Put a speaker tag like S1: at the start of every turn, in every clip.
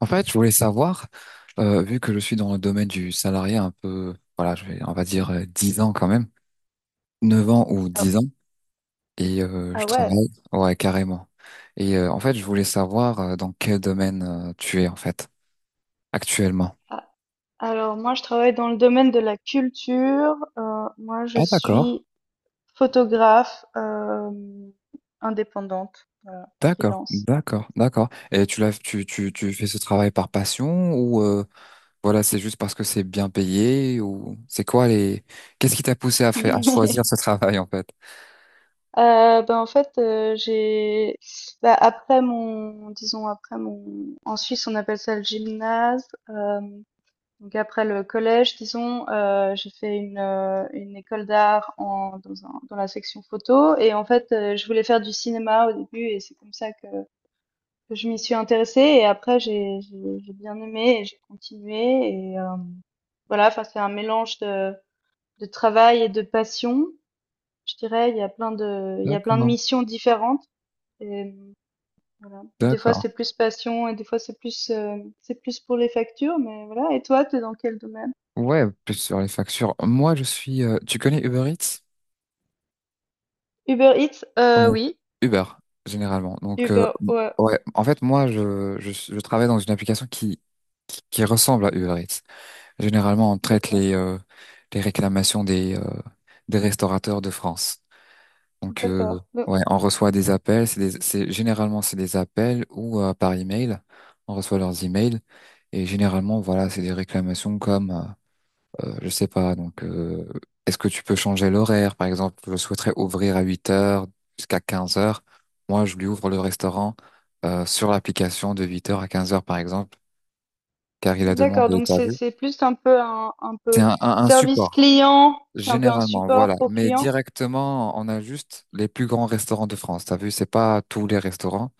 S1: En fait, je voulais savoir, vu que je suis dans le domaine du salarié un peu, voilà, on va dire 10 ans quand même, 9 ans ou
S2: Ah,
S1: 10 ans, et
S2: ah
S1: je
S2: ouais.
S1: travaille, ouais, carrément. Et en fait, je voulais savoir dans quel domaine tu es en fait actuellement.
S2: Ah, alors moi, je travaille dans le domaine de la culture. Moi, je
S1: Ah d'accord,
S2: suis photographe indépendante, voilà,
S1: d'accord,
S2: freelance.
S1: d'accord, d'accord. Et tu l'as, tu fais ce travail par passion ou voilà, c'est juste parce que c'est bien payé ou c'est quoi les, qu'est-ce qui t'a poussé à faire, à choisir ce travail en fait?
S2: Euh, ben en fait, euh, j'ai après mon, disons après mon, en Suisse on appelle ça le gymnase. Donc après le collège, j'ai fait une école d'art dans la section photo et en fait je voulais faire du cinéma au début et c'est comme ça que je m'y suis intéressée et après j'ai bien aimé et j'ai continué voilà, enfin c'est un mélange de travail et de passion, je dirais. Il y a plein de
S1: D'accord,
S2: missions différentes et voilà. Des fois
S1: d'accord.
S2: c'est plus passion et des fois c'est plus pour les factures, mais voilà. Et toi, t'es dans quel domaine?
S1: Ouais, plus sur les factures. Moi, je suis. Tu connais Uber Eats?
S2: Uber Eats,
S1: Comment?
S2: oui.
S1: Uber, généralement. Donc,
S2: Uber, ouais.
S1: ouais. En fait, moi, je travaille dans une application qui ressemble à Uber Eats. Généralement, on traite
S2: D'accord.
S1: les réclamations des restaurateurs de France. Donc,
S2: D'accord. Donc-
S1: ouais, on reçoit des appels. Généralement, c'est des appels ou par email. On reçoit leurs emails. Et généralement, voilà, c'est des réclamations comme, je sais pas, donc, est-ce que tu peux changer l'horaire? Par exemple, je souhaiterais ouvrir à 8 heures jusqu'à 15 heures. Moi, je lui ouvre le restaurant sur l'application de 8 heures à 15 heures, par exemple, car il a
S2: D'accord.
S1: demandé,
S2: Donc
S1: t'as vu?
S2: c'est plus un peu un un
S1: C'est
S2: peu
S1: un, un, un
S2: service
S1: support,
S2: client, c'est un peu un
S1: généralement,
S2: support
S1: voilà.
S2: pour
S1: Mais
S2: client.
S1: directement, on a juste les plus grands restaurants de France, t'as vu? C'est pas tous les restaurants.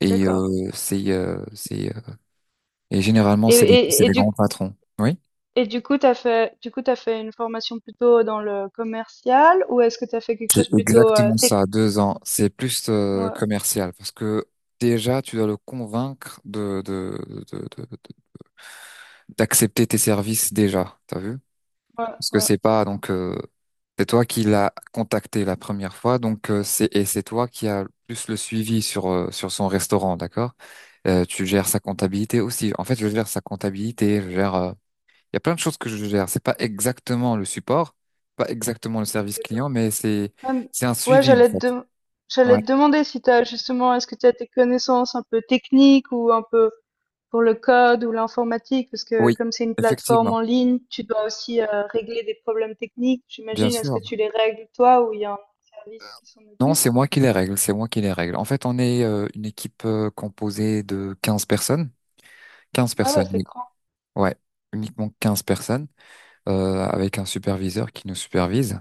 S1: Et
S2: D'accord.
S1: généralement,
S2: Et
S1: c'est des, c'est
S2: et et
S1: des
S2: du
S1: grands patrons. Oui.
S2: et du coup, tu fait une formation plutôt dans le commercial ou est-ce que tu as fait quelque
S1: C'est
S2: chose plutôt,
S1: exactement
S2: tech?
S1: ça, 2 ans. C'est plus
S2: Ouais,
S1: commercial parce que déjà, tu dois le convaincre de, de- de- d'accepter tes services déjà. T'as vu?
S2: ouais,
S1: Parce que
S2: ouais,
S1: c'est pas, donc, c'est toi qui l'as contacté la première fois, donc, c'est et c'est toi qui as plus le suivi sur son restaurant, d'accord? Tu gères sa comptabilité aussi. En fait, je gère sa comptabilité. Je gère. Il y a plein de choses que je gère. C'est pas exactement le support, pas exactement le service
S2: d'accord.
S1: client, mais c'est
S2: Ah m
S1: c'est un
S2: ouais,
S1: suivi en fait.
S2: j'allais
S1: Ouais.
S2: te demander si tu justement est-ce que tu as des connaissances un peu techniques ou un peu pour le code ou l'informatique? Parce que
S1: Oui,
S2: comme c'est une
S1: effectivement,
S2: plateforme en ligne, tu dois aussi, régler des problèmes techniques,
S1: bien
S2: j'imagine. Est-ce
S1: sûr.
S2: que tu les règles toi ou il y a un service qui s'en
S1: Non,
S2: occupe?
S1: c'est moi qui les règle, c'est moi qui les règle. En fait, on est une équipe composée de 15 personnes. quinze
S2: Ah ouais,
S1: personnes,
S2: c'est
S1: oui.
S2: grand.
S1: Ouais, uniquement 15 personnes, avec un superviseur qui nous supervise.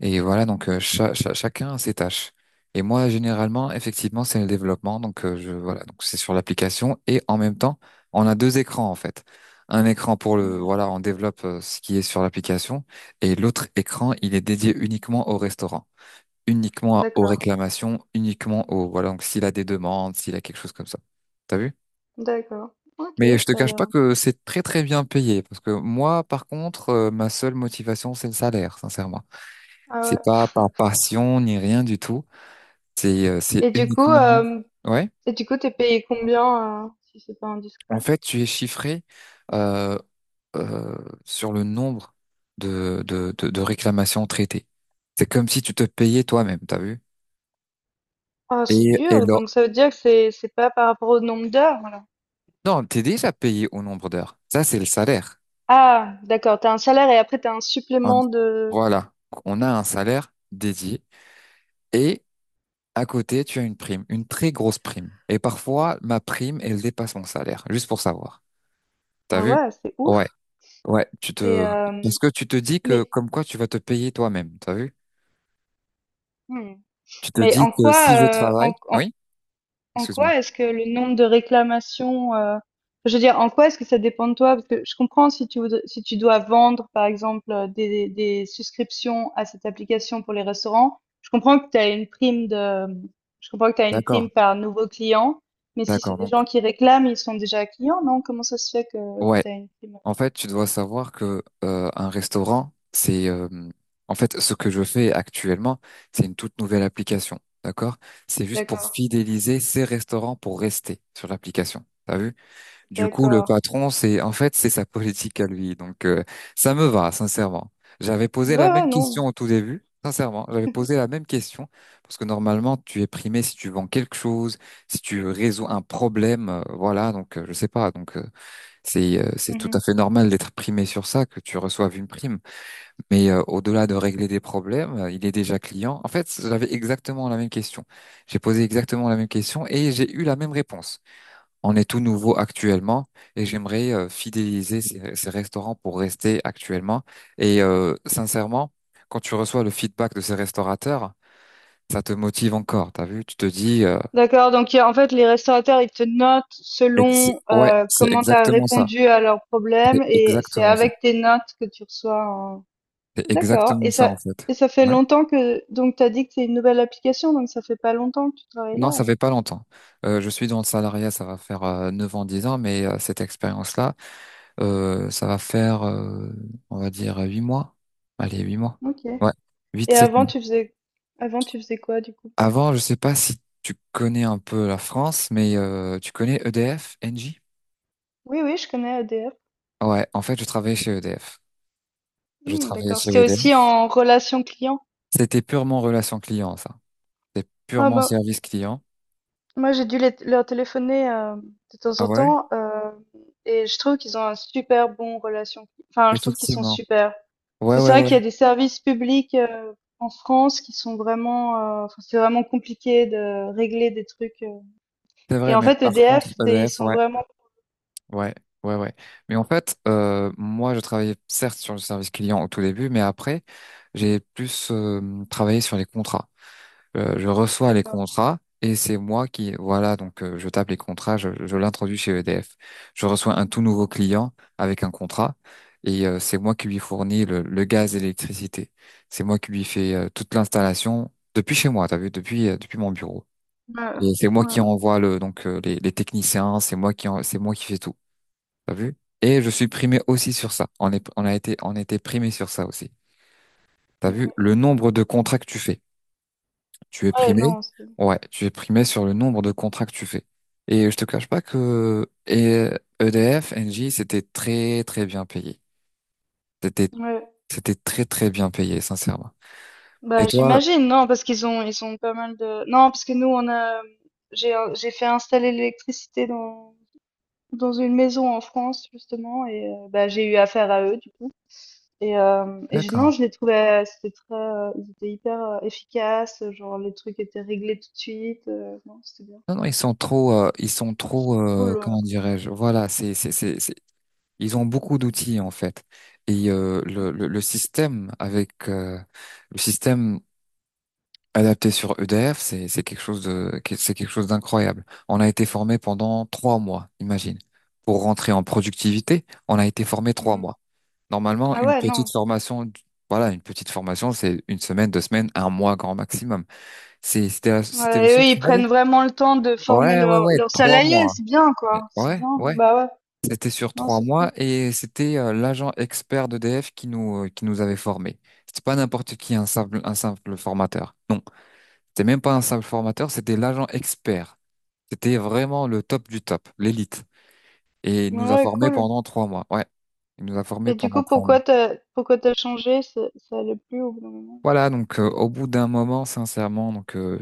S1: Et voilà,
S2: Mmh
S1: donc,
S2: mh.
S1: chacun a ses tâches. Et moi, généralement, effectivement, c'est le développement. Donc, voilà, donc c'est sur l'application. Et en même temps, on a deux écrans, en fait. Un écran
S2: Mmh.
S1: voilà, on développe ce qui est sur l'application. Et l'autre écran, il est dédié uniquement au restaurant. Uniquement aux
S2: D'accord.
S1: réclamations, uniquement aux... Voilà, donc s'il a des demandes, s'il a quelque chose comme ça. T'as vu?
S2: D'accord. OK,
S1: Mais je te
S2: ça a
S1: cache pas
S2: l'air
S1: que c'est très très bien payé, parce que moi, par contre, ma seule motivation, c'est le salaire, sincèrement.
S2: ah
S1: C'est
S2: ouais.
S1: pas par passion ni rien du tout. C'est
S2: Et du coup,
S1: uniquement... Ouais.
S2: t'es payé combien, si c'est pas
S1: En
S2: indiscret?
S1: fait, tu es chiffré euh, euh, sur le nombre de réclamations traitées. C'est comme si tu te payais toi-même, t'as vu?
S2: Ah, c'est
S1: Et
S2: dur.
S1: là.
S2: Donc ça veut dire que c'est pas par rapport au nombre d'heures, alors.
S1: Non, t'es déjà payé au nombre d'heures. Ça, c'est le salaire.
S2: Ah, d'accord. T'as un salaire et après t'as un
S1: un-
S2: supplément de.
S1: voilà, on a un salaire dédié et à côté, tu as une prime, une très grosse prime. Et parfois, ma prime, elle dépasse mon salaire, juste pour savoir. T'as
S2: Ah
S1: vu?
S2: ouais, c'est
S1: Ouais,
S2: ouf.
S1: ouais, tu
S2: Et
S1: te... Parce que tu te dis que
S2: mais
S1: comme quoi tu vas te payer toi-même, t'as vu?
S2: hmm.
S1: Tu te
S2: mais
S1: dis
S2: en
S1: que
S2: quoi,
S1: si je
S2: en,
S1: travaille... Oui?
S2: En
S1: Excuse-moi.
S2: quoi est-ce que le nombre de réclamations, enfin, je veux dire, en quoi est-ce que ça dépend de toi? Parce que je comprends si si tu dois vendre, par exemple, des souscriptions à cette application pour les restaurants, je comprends que tu as une prime
S1: D'accord,
S2: par nouveau client, mais si c'est
S1: d'accord.
S2: des
S1: Donc,
S2: gens qui réclament, ils sont déjà clients, non? Comment ça se fait que
S1: ouais.
S2: tu as une prime?
S1: En fait, tu dois savoir que un restaurant, c'est en fait ce que je fais actuellement, c'est une toute nouvelle application, d'accord? C'est juste pour
S2: D'accord,
S1: fidéliser ces restaurants pour rester sur l'application. T'as vu? Du coup, le
S2: d'accord.
S1: patron, c'est en fait c'est sa politique à lui. Donc ça me va, sincèrement. J'avais posé la
S2: Ouais, ouais,
S1: même
S2: non.
S1: question au tout début. Sincèrement, j'avais posé la même question parce que normalement, tu es primé si tu vends quelque chose, si tu résous un problème, voilà. Donc, je sais pas. Donc, c'est tout à fait normal d'être primé sur ça, que tu reçoives une prime. Mais au-delà de régler des problèmes, il est déjà client. En fait, j'avais exactement la même question. J'ai posé exactement la même question et j'ai eu la même réponse. On est tout nouveau actuellement et j'aimerais fidéliser ces restaurants pour rester actuellement. Et sincèrement, quand tu reçois le feedback de ces restaurateurs, ça te motive encore. T'as vu, tu te dis,
S2: D'accord, donc il y a- en fait les restaurateurs ils te notent selon
S1: ouais, c'est
S2: comment tu as
S1: exactement ça.
S2: répondu à leurs
S1: C'est
S2: problèmes et c'est
S1: exactement ça.
S2: avec tes notes que tu reçois un-
S1: C'est
S2: D'accord,
S1: exactement ça en fait.
S2: et ça fait
S1: Ouais.
S2: longtemps que donc tu as dit que c'est une nouvelle application donc ça fait pas longtemps que tu travailles
S1: Non,
S2: là
S1: ça
S2: alors.
S1: fait pas longtemps. Je suis dans le salariat, ça va faire 9 ans, 10 ans, mais cette expérience-là, ça va faire, on va dire, 8 mois. Allez, 8 mois.
S2: OK.
S1: Ouais, 8
S2: Et
S1: 7. Mois.
S2: avant tu faisais quoi du coup?
S1: Avant, je sais pas si tu connais un peu la France, mais tu connais EDF, Engie?
S2: Oui oui, je connais ADF.
S1: Ouais, en fait, je travaillais chez EDF. Je
S2: Hmm,
S1: travaillais
S2: d'accord,
S1: chez
S2: c'était aussi
S1: EDF.
S2: en relation client.
S1: C'était purement relation client, ça. C'était
S2: Ah
S1: purement
S2: bah
S1: service client.
S2: moi, leur téléphoner de temps
S1: Ah
S2: en
S1: ouais?
S2: temps et je trouve qu'ils ont un super bon relation. Enfin, je trouve qu'ils sont
S1: Effectivement.
S2: super. Parce
S1: Ouais,
S2: que c'est
S1: ouais,
S2: vrai
S1: ouais.
S2: qu'il y a des services publics en France qui sont vraiment, enfin, c'est vraiment compliqué de régler des trucs.
S1: C'est
S2: Et
S1: vrai,
S2: en
S1: mais
S2: fait,
S1: par contre,
S2: EDF, c'est- ils
S1: EDF,
S2: sont
S1: ouais.
S2: vraiment
S1: Ouais, ouais, ouais. Mais en fait, moi, je travaillais certes sur le service client au tout début, mais après, j'ai plus travaillé sur les contrats. Je reçois les
S2: d'accord.
S1: contrats et c'est moi qui, voilà, donc je tape les contrats, je l'introduis chez EDF. Je reçois un tout nouveau client avec un contrat et c'est moi qui lui fournis le gaz et l'électricité. C'est moi qui lui fais toute l'installation depuis chez moi, t'as vu, depuis mon bureau.
S2: Ouais,
S1: Et c'est moi
S2: ouais.
S1: qui envoie le donc les techniciens, c'est moi qui fais tout. T'as vu? Et je suis primé aussi sur ça. On est, on a été, on était primé sur ça aussi. T'as vu? Le nombre de contrats que tu fais. Tu es
S2: Ouais,
S1: primé.
S2: non, c'est-
S1: Ouais, tu es primé sur le nombre de contrats que tu fais. Et je te cache pas que EDF, Engie, c'était très très bien payé. C'était
S2: ouais.
S1: c'était très très bien payé, sincèrement.
S2: Bah,
S1: Et toi?
S2: j'imagine, non, parce qu'ils ont, ils ont pas mal de, non, parce que nous, on a, j'ai fait installer l'électricité dans dans une maison en France justement et bah, j'ai eu affaire à eux du coup et je non,
S1: D'accord.
S2: je les trouvais, c'était très, ils étaient hyper, efficaces, genre les trucs étaient réglés tout de suite, non, c'était bien.
S1: Non non, ils sont
S2: C'est
S1: trop,
S2: cool,
S1: comment dirais-je? Voilà, ils ont beaucoup d'outils en fait. Et le,
S2: mmh,
S1: le le système avec le système adapté sur EDF, c'est quelque chose d'incroyable. On a été formé pendant 3 mois, imagine. Pour rentrer en productivité, on a été formé trois
S2: mmh.
S1: mois. Normalement,
S2: Ah
S1: une
S2: ouais,
S1: petite
S2: non.
S1: formation, voilà, une petite formation, c'est une semaine, 2 semaines, un mois grand maximum. C'était le
S2: Ouais et
S1: seul
S2: eux, ils
S1: travail.
S2: prennent vraiment le temps de former
S1: Ouais, ouais,
S2: leurs
S1: ouais,
S2: leurs
S1: trois
S2: salariés,
S1: mois.
S2: c'est bien quoi, c'est
S1: Ouais,
S2: bien.
S1: ouais.
S2: Bah ouais,
S1: C'était sur
S2: non,
S1: trois
S2: c'est cool.
S1: mois et c'était l'agent expert d'EDF qui nous avait formés. C'était pas n'importe qui, un simple formateur. Non. C'était même pas un simple formateur, c'était l'agent expert. C'était vraiment le top du top, l'élite. Et il
S2: Ouais,
S1: nous a
S2: ouais,
S1: formés
S2: cool
S1: pendant 3 mois. Ouais, il nous a
S2: et
S1: formés
S2: du
S1: pendant
S2: coup,
S1: 3 mois.
S2: pourquoi tu as changé? Ça allait plus au bout d'un moment?
S1: Voilà, donc au bout d'un moment, sincèrement, donc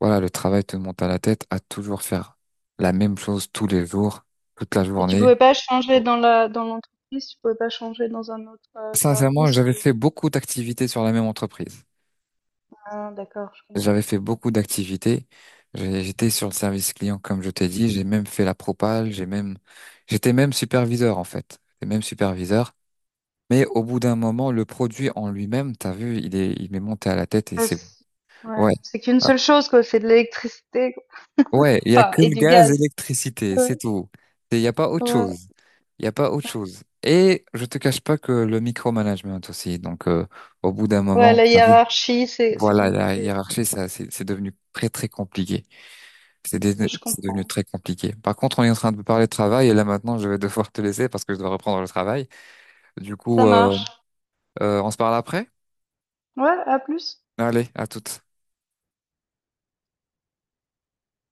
S1: voilà, le travail te monte à la tête à toujours faire la même chose tous les jours, toute la
S2: Et tu
S1: journée.
S2: pouvais pas changer dans la dans l'entreprise, tu pouvais pas changer dans un autre
S1: Sincèrement,
S2: service
S1: j'avais
S2: ou
S1: fait beaucoup d'activités sur la même entreprise.
S2: Ah, d'accord, je comprends.
S1: J'avais fait beaucoup d'activités. J'étais sur le service client, comme je t'ai dit. J'ai même fait la propale. J'étais même superviseur, en fait. J'étais même superviseur. Mais au bout d'un moment, le produit en lui-même, t'as vu, il m'est monté à la tête et
S2: Ouais,
S1: c'est
S2: c'est
S1: bon.
S2: ouais,
S1: Ouais,
S2: c'est qu'une
S1: ah,
S2: seule chose quoi, c'est de l'électricité quoi.
S1: ouais, il y a
S2: Enfin,
S1: que
S2: et
S1: le
S2: du
S1: gaz,
S2: gaz.
S1: l'électricité,
S2: Ouais,
S1: c'est tout. Il y a pas autre
S2: ouais.
S1: chose. Il y a pas autre chose. Et je te cache pas que le micromanagement aussi. Donc, au bout d'un
S2: Ouais,
S1: moment,
S2: la
S1: t'as vu,
S2: hiérarchie, c'est
S1: voilà, la
S2: compliqué.
S1: hiérarchie, ça, c'est devenu très très compliqué. C'est dé-
S2: Ouais, je
S1: c'est devenu
S2: comprends.
S1: très compliqué. Par contre, on est en train de parler de travail et là maintenant, je vais devoir te laisser parce que je dois reprendre le travail. Du coup,
S2: Ça marche.
S1: on se parle après?
S2: Ouais, à plus.
S1: Allez, à toutes.